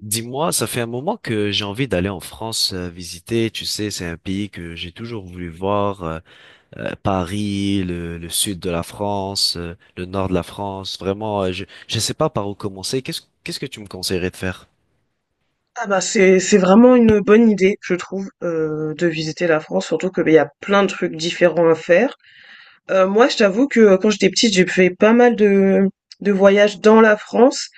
Dis-moi, ça fait un moment que j'ai envie d'aller en France visiter. Tu sais, c'est un pays que j'ai toujours voulu voir. Paris, le sud de la France, le nord de la France. Vraiment, je sais pas par où commencer. Qu'est-ce que tu me conseillerais de faire? Ah bah c'est vraiment une bonne idée, je trouve, de visiter la France, surtout que bah, il y a plein de trucs différents à faire. Moi, je t'avoue que quand j'étais petite, j'ai fait pas mal de voyages dans la France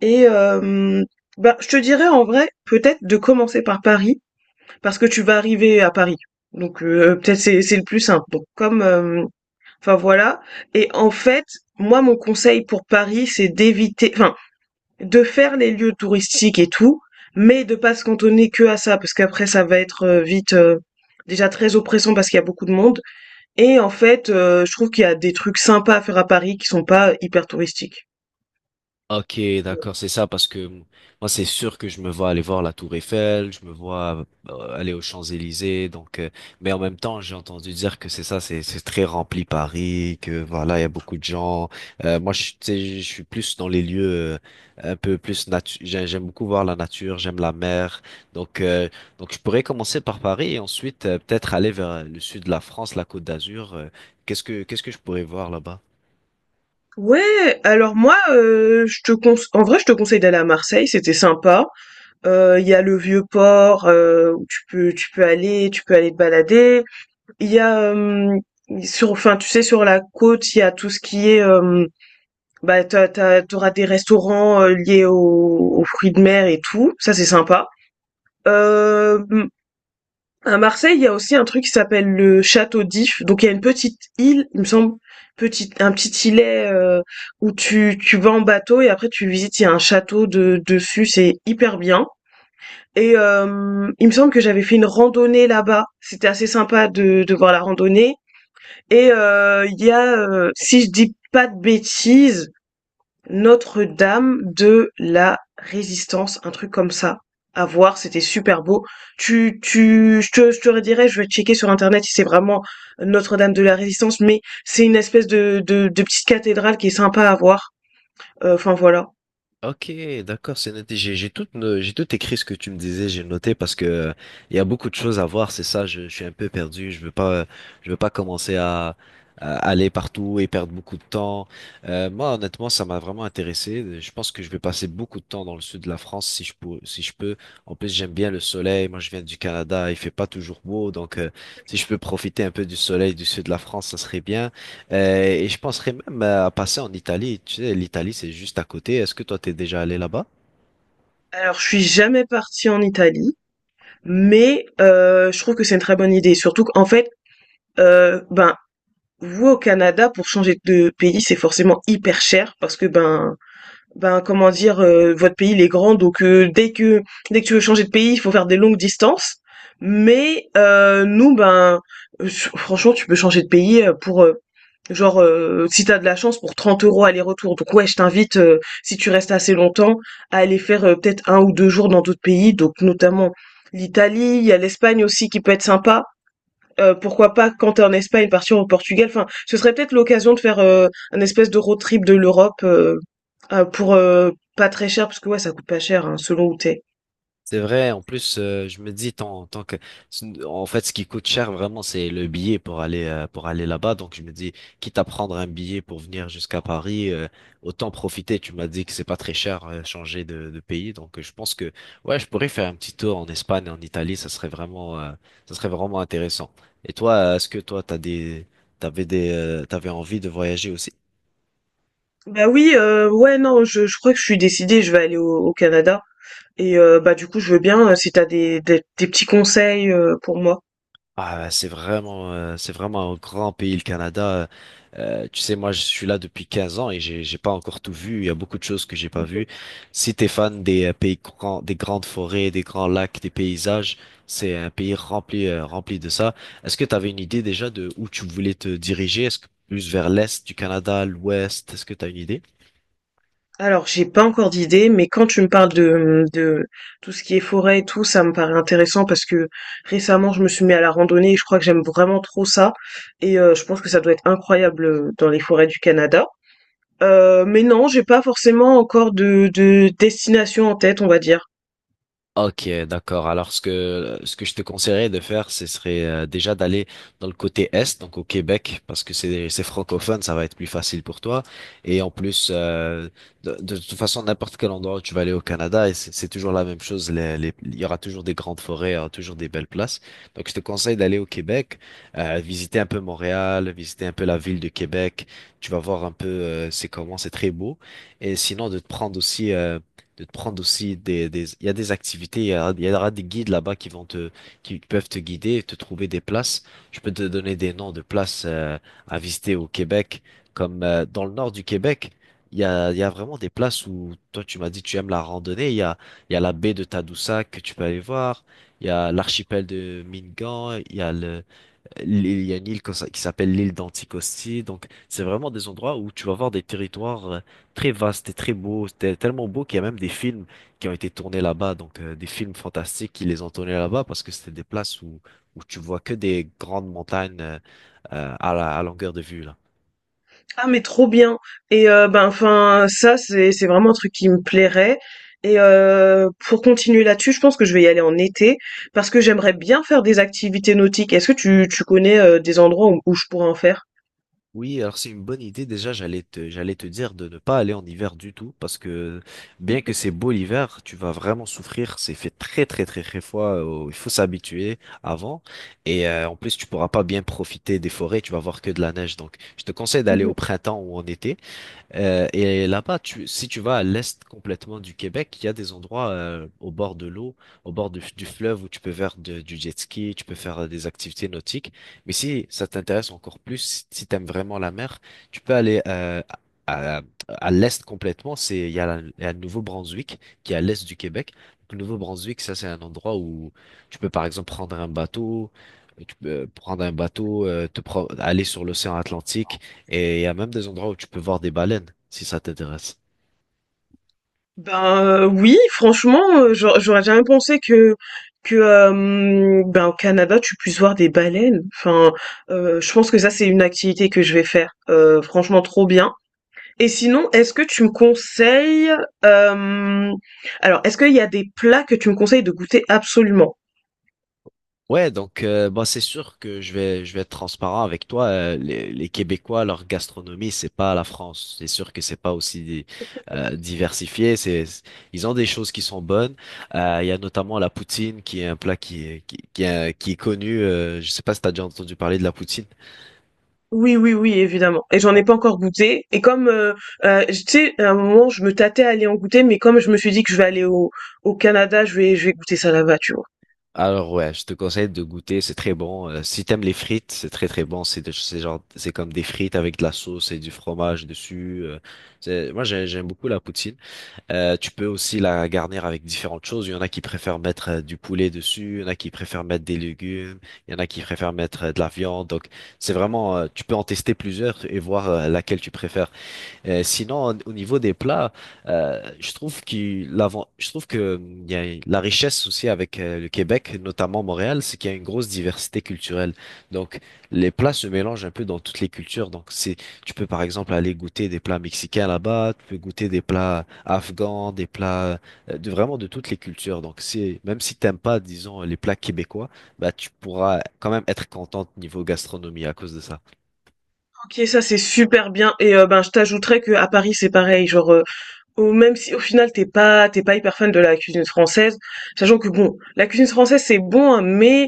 et bah je te dirais en vrai peut-être de commencer par Paris parce que tu vas arriver à Paris. Donc peut-être c'est le plus simple. Donc comme enfin voilà et en fait, moi mon conseil pour Paris, c'est d'éviter, enfin de faire les lieux touristiques et tout, mais de pas se cantonner que à ça, parce qu'après ça va être vite déjà très oppressant parce qu'il y a beaucoup de monde. Et en fait, je trouve qu'il y a des trucs sympas à faire à Paris qui sont pas hyper touristiques. Ok, Ouais. d'accord, c'est ça, parce que moi, c'est sûr que je me vois aller voir la Tour Eiffel, je me vois aller aux Champs-Élysées, mais en même temps, j'ai entendu dire que c'est ça, c'est très rempli Paris, que voilà, il y a beaucoup de gens. Tu sais, je suis plus dans les lieux un peu plus nature. J'aime beaucoup voir la nature, j'aime la mer, donc euh, donc je pourrais commencer par Paris et ensuite peut-être aller vers le sud de la France, la Côte d'Azur. Qu'est-ce que je pourrais voir là-bas? Ouais, alors moi, je te conse en vrai, je te conseille d'aller à Marseille, c'était sympa. Il y a le Vieux-Port, où tu peux aller te balader. Il y a, sur, enfin, tu sais, sur la côte, il y a tout ce qui est, bah, t'auras des restaurants, liés aux fruits de mer et tout, ça c'est sympa. Hem À Marseille, il y a aussi un truc qui s'appelle le château d'If. Donc il y a une petite île, il me semble, petite, un petit îlet où tu vas en bateau et après tu visites, il y a un château dessus, c'est hyper bien. Et il me semble que j'avais fait une randonnée là-bas. C'était assez sympa de voir la randonnée. Et il y a, si je dis pas de bêtises, notre-Dame de la Résistance, un truc comme ça. À voir, c'était super beau. Je te redirai, je vais checker sur internet si c'est vraiment Notre-Dame de la Résistance, mais c'est une espèce de petite cathédrale qui est sympa à voir. Enfin voilà. Ok, d'accord, c'est noté. J'ai tout, no- j'ai tout écrit ce que tu me disais, j'ai noté parce que il y a beaucoup de choses à voir, c'est ça, je suis un peu perdu, je veux pas commencer à aller partout et perdre beaucoup de temps. Moi, honnêtement, ça m'a vraiment intéressé. Je pense que je vais passer beaucoup de temps dans le sud de la France si je peux, si je peux. En plus, j'aime bien le soleil. Moi, je viens du Canada, il fait pas toujours beau, si je peux profiter un peu du soleil du sud de la France, ça serait bien. Et je penserais même à passer en Italie. Tu sais, l'Italie, c'est juste à côté. Est-ce que toi, t'es déjà allé là-bas? Alors, je suis jamais partie en Italie, mais je trouve que c'est une très bonne idée. Surtout qu'en fait, ben, vous au Canada pour changer de pays, c'est forcément hyper cher parce que comment dire? Votre pays il est grand donc dès que tu veux changer de pays, il faut faire des longues distances. Mais nous ben, heu, franchement tu peux changer de pays, pour, genre, si t'as de la chance pour 30 € aller-retour. Donc ouais, je t'invite, si tu restes assez longtemps, à aller faire, peut-être un ou 2 jours dans d'autres pays, donc notamment l'Italie. Il y a l'Espagne aussi qui peut être sympa. Pourquoi pas, quand t'es en Espagne, partir au Portugal. Enfin, ce serait peut-être l'occasion de faire un espèce de road trip de l'Europe pour pas très cher, parce que ouais, ça coûte pas cher hein, selon où t'es. C'est vrai. En plus, je me dis, tant que, en fait, ce qui coûte cher vraiment, c'est le billet pour aller là-bas. Donc, je me dis, quitte à prendre un billet pour venir jusqu'à Paris, autant profiter. Tu m'as dit que c'est pas très cher, changer de pays. Je pense que, ouais, je pourrais faire un petit tour en Espagne, en Italie. Ça serait vraiment intéressant. Et toi, est-ce que toi, t'avais envie de voyager aussi? Bah oui, ouais non, je crois que je suis décidée, je vais aller au Canada et bah du coup je veux bien si t'as des, des petits conseils pour moi. Ah, bah, c'est vraiment un grand pays, le Canada. Tu sais, moi, je suis là depuis 15 ans et j'ai pas encore tout vu. Il y a beaucoup de choses que j'ai pas vues. Si t'es fan des pays grands, des grandes forêts, des grands lacs, des paysages, c'est un pays rempli, rempli de ça. Est-ce que t'avais une idée déjà de où tu voulais te diriger? Est-ce que plus vers l'est du Canada, l'ouest? Est-ce que t'as une idée? Alors, j'ai pas encore d'idée, mais quand tu me parles de tout ce qui est forêt et tout, ça me paraît intéressant parce que récemment, je me suis mis à la randonnée et je crois que j'aime vraiment trop ça. Et je pense que ça doit être incroyable dans les forêts du Canada. Mais non, j'ai pas forcément encore de destination en tête, on va dire. Ok, d'accord. Alors ce que je te conseillerais de faire, ce serait déjà d'aller dans le côté est, donc au Québec, parce que c'est francophone, ça va être plus facile pour toi. Et en plus, de toute façon, n'importe quel endroit où tu vas aller au Canada, et c'est toujours la même chose. Il y aura toujours des grandes forêts, il y aura toujours des belles places. Donc je te conseille d'aller au Québec, visiter un peu Montréal, visiter un peu la ville de Québec. Tu vas voir un peu c'est comment, c'est très beau. Et sinon de te prendre aussi des, il y a des activités, il y aura des guides là-bas qui vont te, qui peuvent te guider, te trouver des places. Je peux te donner des noms de places à visiter au Québec, comme dans le nord du Québec. Il y a vraiment des places où toi tu m'as dit tu aimes la randonnée. Il y a la baie de Tadoussac que tu peux aller voir. Il y a l'archipel de Mingan. Il y a une île qui s'appelle l'île d'Anticosti. Donc, c'est vraiment des endroits où tu vas voir des territoires très vastes et très beaux. C'était tellement beau qu'il y a même des films qui ont été tournés là-bas. Des films fantastiques qui les ont tournés là-bas parce que c'était des places où, où tu vois que des grandes montagnes à la, à longueur de vue, là. Ah mais trop bien, et ben, enfin, ça c'est vraiment un truc qui me plairait, et pour continuer là-dessus, je pense que je vais y aller en été parce que j'aimerais bien faire des activités nautiques. Est-ce que tu connais, des endroits où je pourrais en faire? Oui, alors c'est une bonne idée. Déjà, j'allais te dire de ne pas aller en hiver du tout, parce que bien que c'est beau l'hiver, tu vas vraiment souffrir. C'est fait très très très très froid. Il faut s'habituer avant. En plus, tu pourras pas bien profiter des forêts. Tu vas voir que de la neige. Donc, je te conseille d'aller au Mmh. printemps ou en été. Et là-bas, si tu vas à l'est complètement du Québec, il y a des endroits au bord de l'eau, au bord du fleuve où tu peux faire du jet ski, tu peux faire des activités nautiques. Mais si ça t'intéresse encore plus, si, tu aimes vraiment la mer, tu peux aller à, à- à l'est complètement. Il y a le Nouveau-Brunswick qui est à l'est du Québec. Le Nouveau-Brunswick, ça c'est un endroit où tu peux par exemple prendre un bateau, tu peux prendre un bateau, aller sur l'océan Atlantique. Et il y a même des endroits où tu peux voir des baleines, si ça t'intéresse. Ben, oui, franchement, j'aurais jamais pensé que ben, au Canada, tu puisses voir des baleines. Enfin, je pense que ça, c'est une activité que je vais faire, franchement trop bien. Et sinon, est-ce que tu me conseilles, hem, alors est-ce qu'il y a des plats que tu me conseilles de goûter absolument? Bah c'est sûr que je vais être transparent avec toi. Les Québécois, leur gastronomie, c'est pas la France. C'est sûr que c'est pas aussi diversifié. C'est ils ont des choses qui sont bonnes. Il y a notamment la poutine, qui est un plat qui est connu. Je sais pas si t'as déjà entendu parler de la poutine. Oui, oui, oui, évidemment. Et j'en ai pas encore goûté. Et comme, tu sais, à un moment, je me tâtais à aller en goûter, mais comme je me suis dit que je vais aller au Canada, je vais goûter ça là-bas, tu vois? Alors ouais, je te conseille de goûter, c'est très bon. Si t'aimes les frites, c'est très très bon. C'est genre, c'est comme des frites avec de la sauce et du fromage dessus. J'aime beaucoup la poutine. Tu peux aussi la garnir avec différentes choses. Il y en a qui préfèrent mettre du poulet dessus, il y en a qui préfèrent mettre des légumes, il y en a qui préfèrent mettre de la viande. Donc c'est vraiment, tu peux en tester plusieurs et voir laquelle tu préfères. Sinon, au au niveau des plats, je trouve que il y a la richesse aussi avec le Québec, notamment Montréal, c'est qu'il y a une grosse diversité culturelle. Donc, les plats se mélangent un peu dans toutes les cultures. Tu peux par exemple aller goûter des plats mexicains là-bas, tu peux goûter des plats afghans, des plats de vraiment de toutes les cultures. Donc, c'est même si t'aimes pas, disons, les plats québécois, bah tu pourras quand même être contente niveau gastronomie à cause de ça. OK, ça c'est super bien, et ben, je t'ajouterais que à Paris, c'est pareil, genre, au même si au final t'es pas hyper fan de la cuisine française, sachant que bon, la cuisine française c'est bon, hein, mais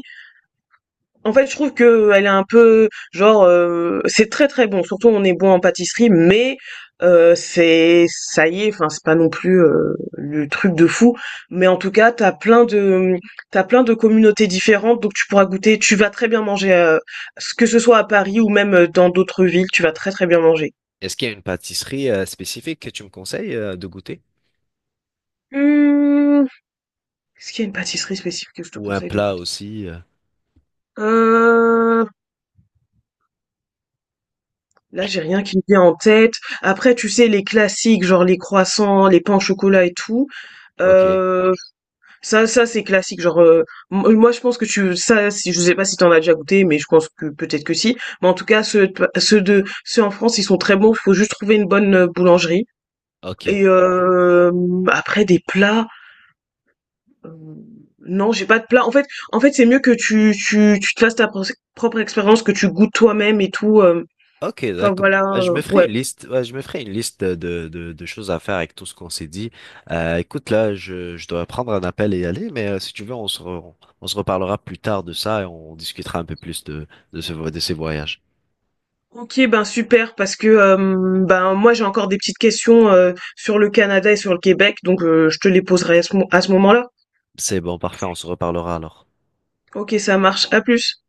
en fait, je trouve que elle est un peu genre c'est très très bon. Surtout, on est bon en pâtisserie, mais c'est ça y est. Enfin, c'est pas non plus le truc de fou. Mais en tout cas, t'as plein de communautés différentes, donc tu pourras goûter. Tu vas très bien manger, que ce soit à Paris ou même dans d'autres villes, tu vas très très bien manger. Est-ce qu'il y a une pâtisserie spécifique que tu me conseilles de goûter? Hum, Est-ce qu'il y a une pâtisserie spécifique que je te Ou un conseille de plat goûter? aussi? Euh, Là, j'ai rien qui me vient en tête. Après, tu sais, les classiques, genre les croissants, les pains au chocolat et tout. Ok, Euh, ça c'est classique. Genre, moi je pense que si je sais pas si t'en as déjà goûté, mais je pense que peut-être que si. Mais en tout cas, ceux en France, ils sont très bons. Il faut juste trouver une bonne boulangerie. ok, Et après des plats, euh, non, j'ai pas de plat. En fait, c'est mieux que tu te fasses propre expérience, que tu goûtes toi-même et tout. Ok, Enfin d'accord. voilà, Bah, je me ferai ouais. une liste. Ouais, je me ferai une liste de choses à faire avec tout ce qu'on s'est dit. Écoute, là, je dois prendre un appel et y aller, mais si tu veux, on se reparlera plus tard de ça et on discutera un peu plus de, de ces voyages. OK, ben super, parce que, ben, moi j'ai encore des petites questions, sur le Canada et sur le Québec, donc, je te les poserai à ce mo à ce moment-là. C'est bon, parfait, on se reparlera alors. OK, ça marche. À plus.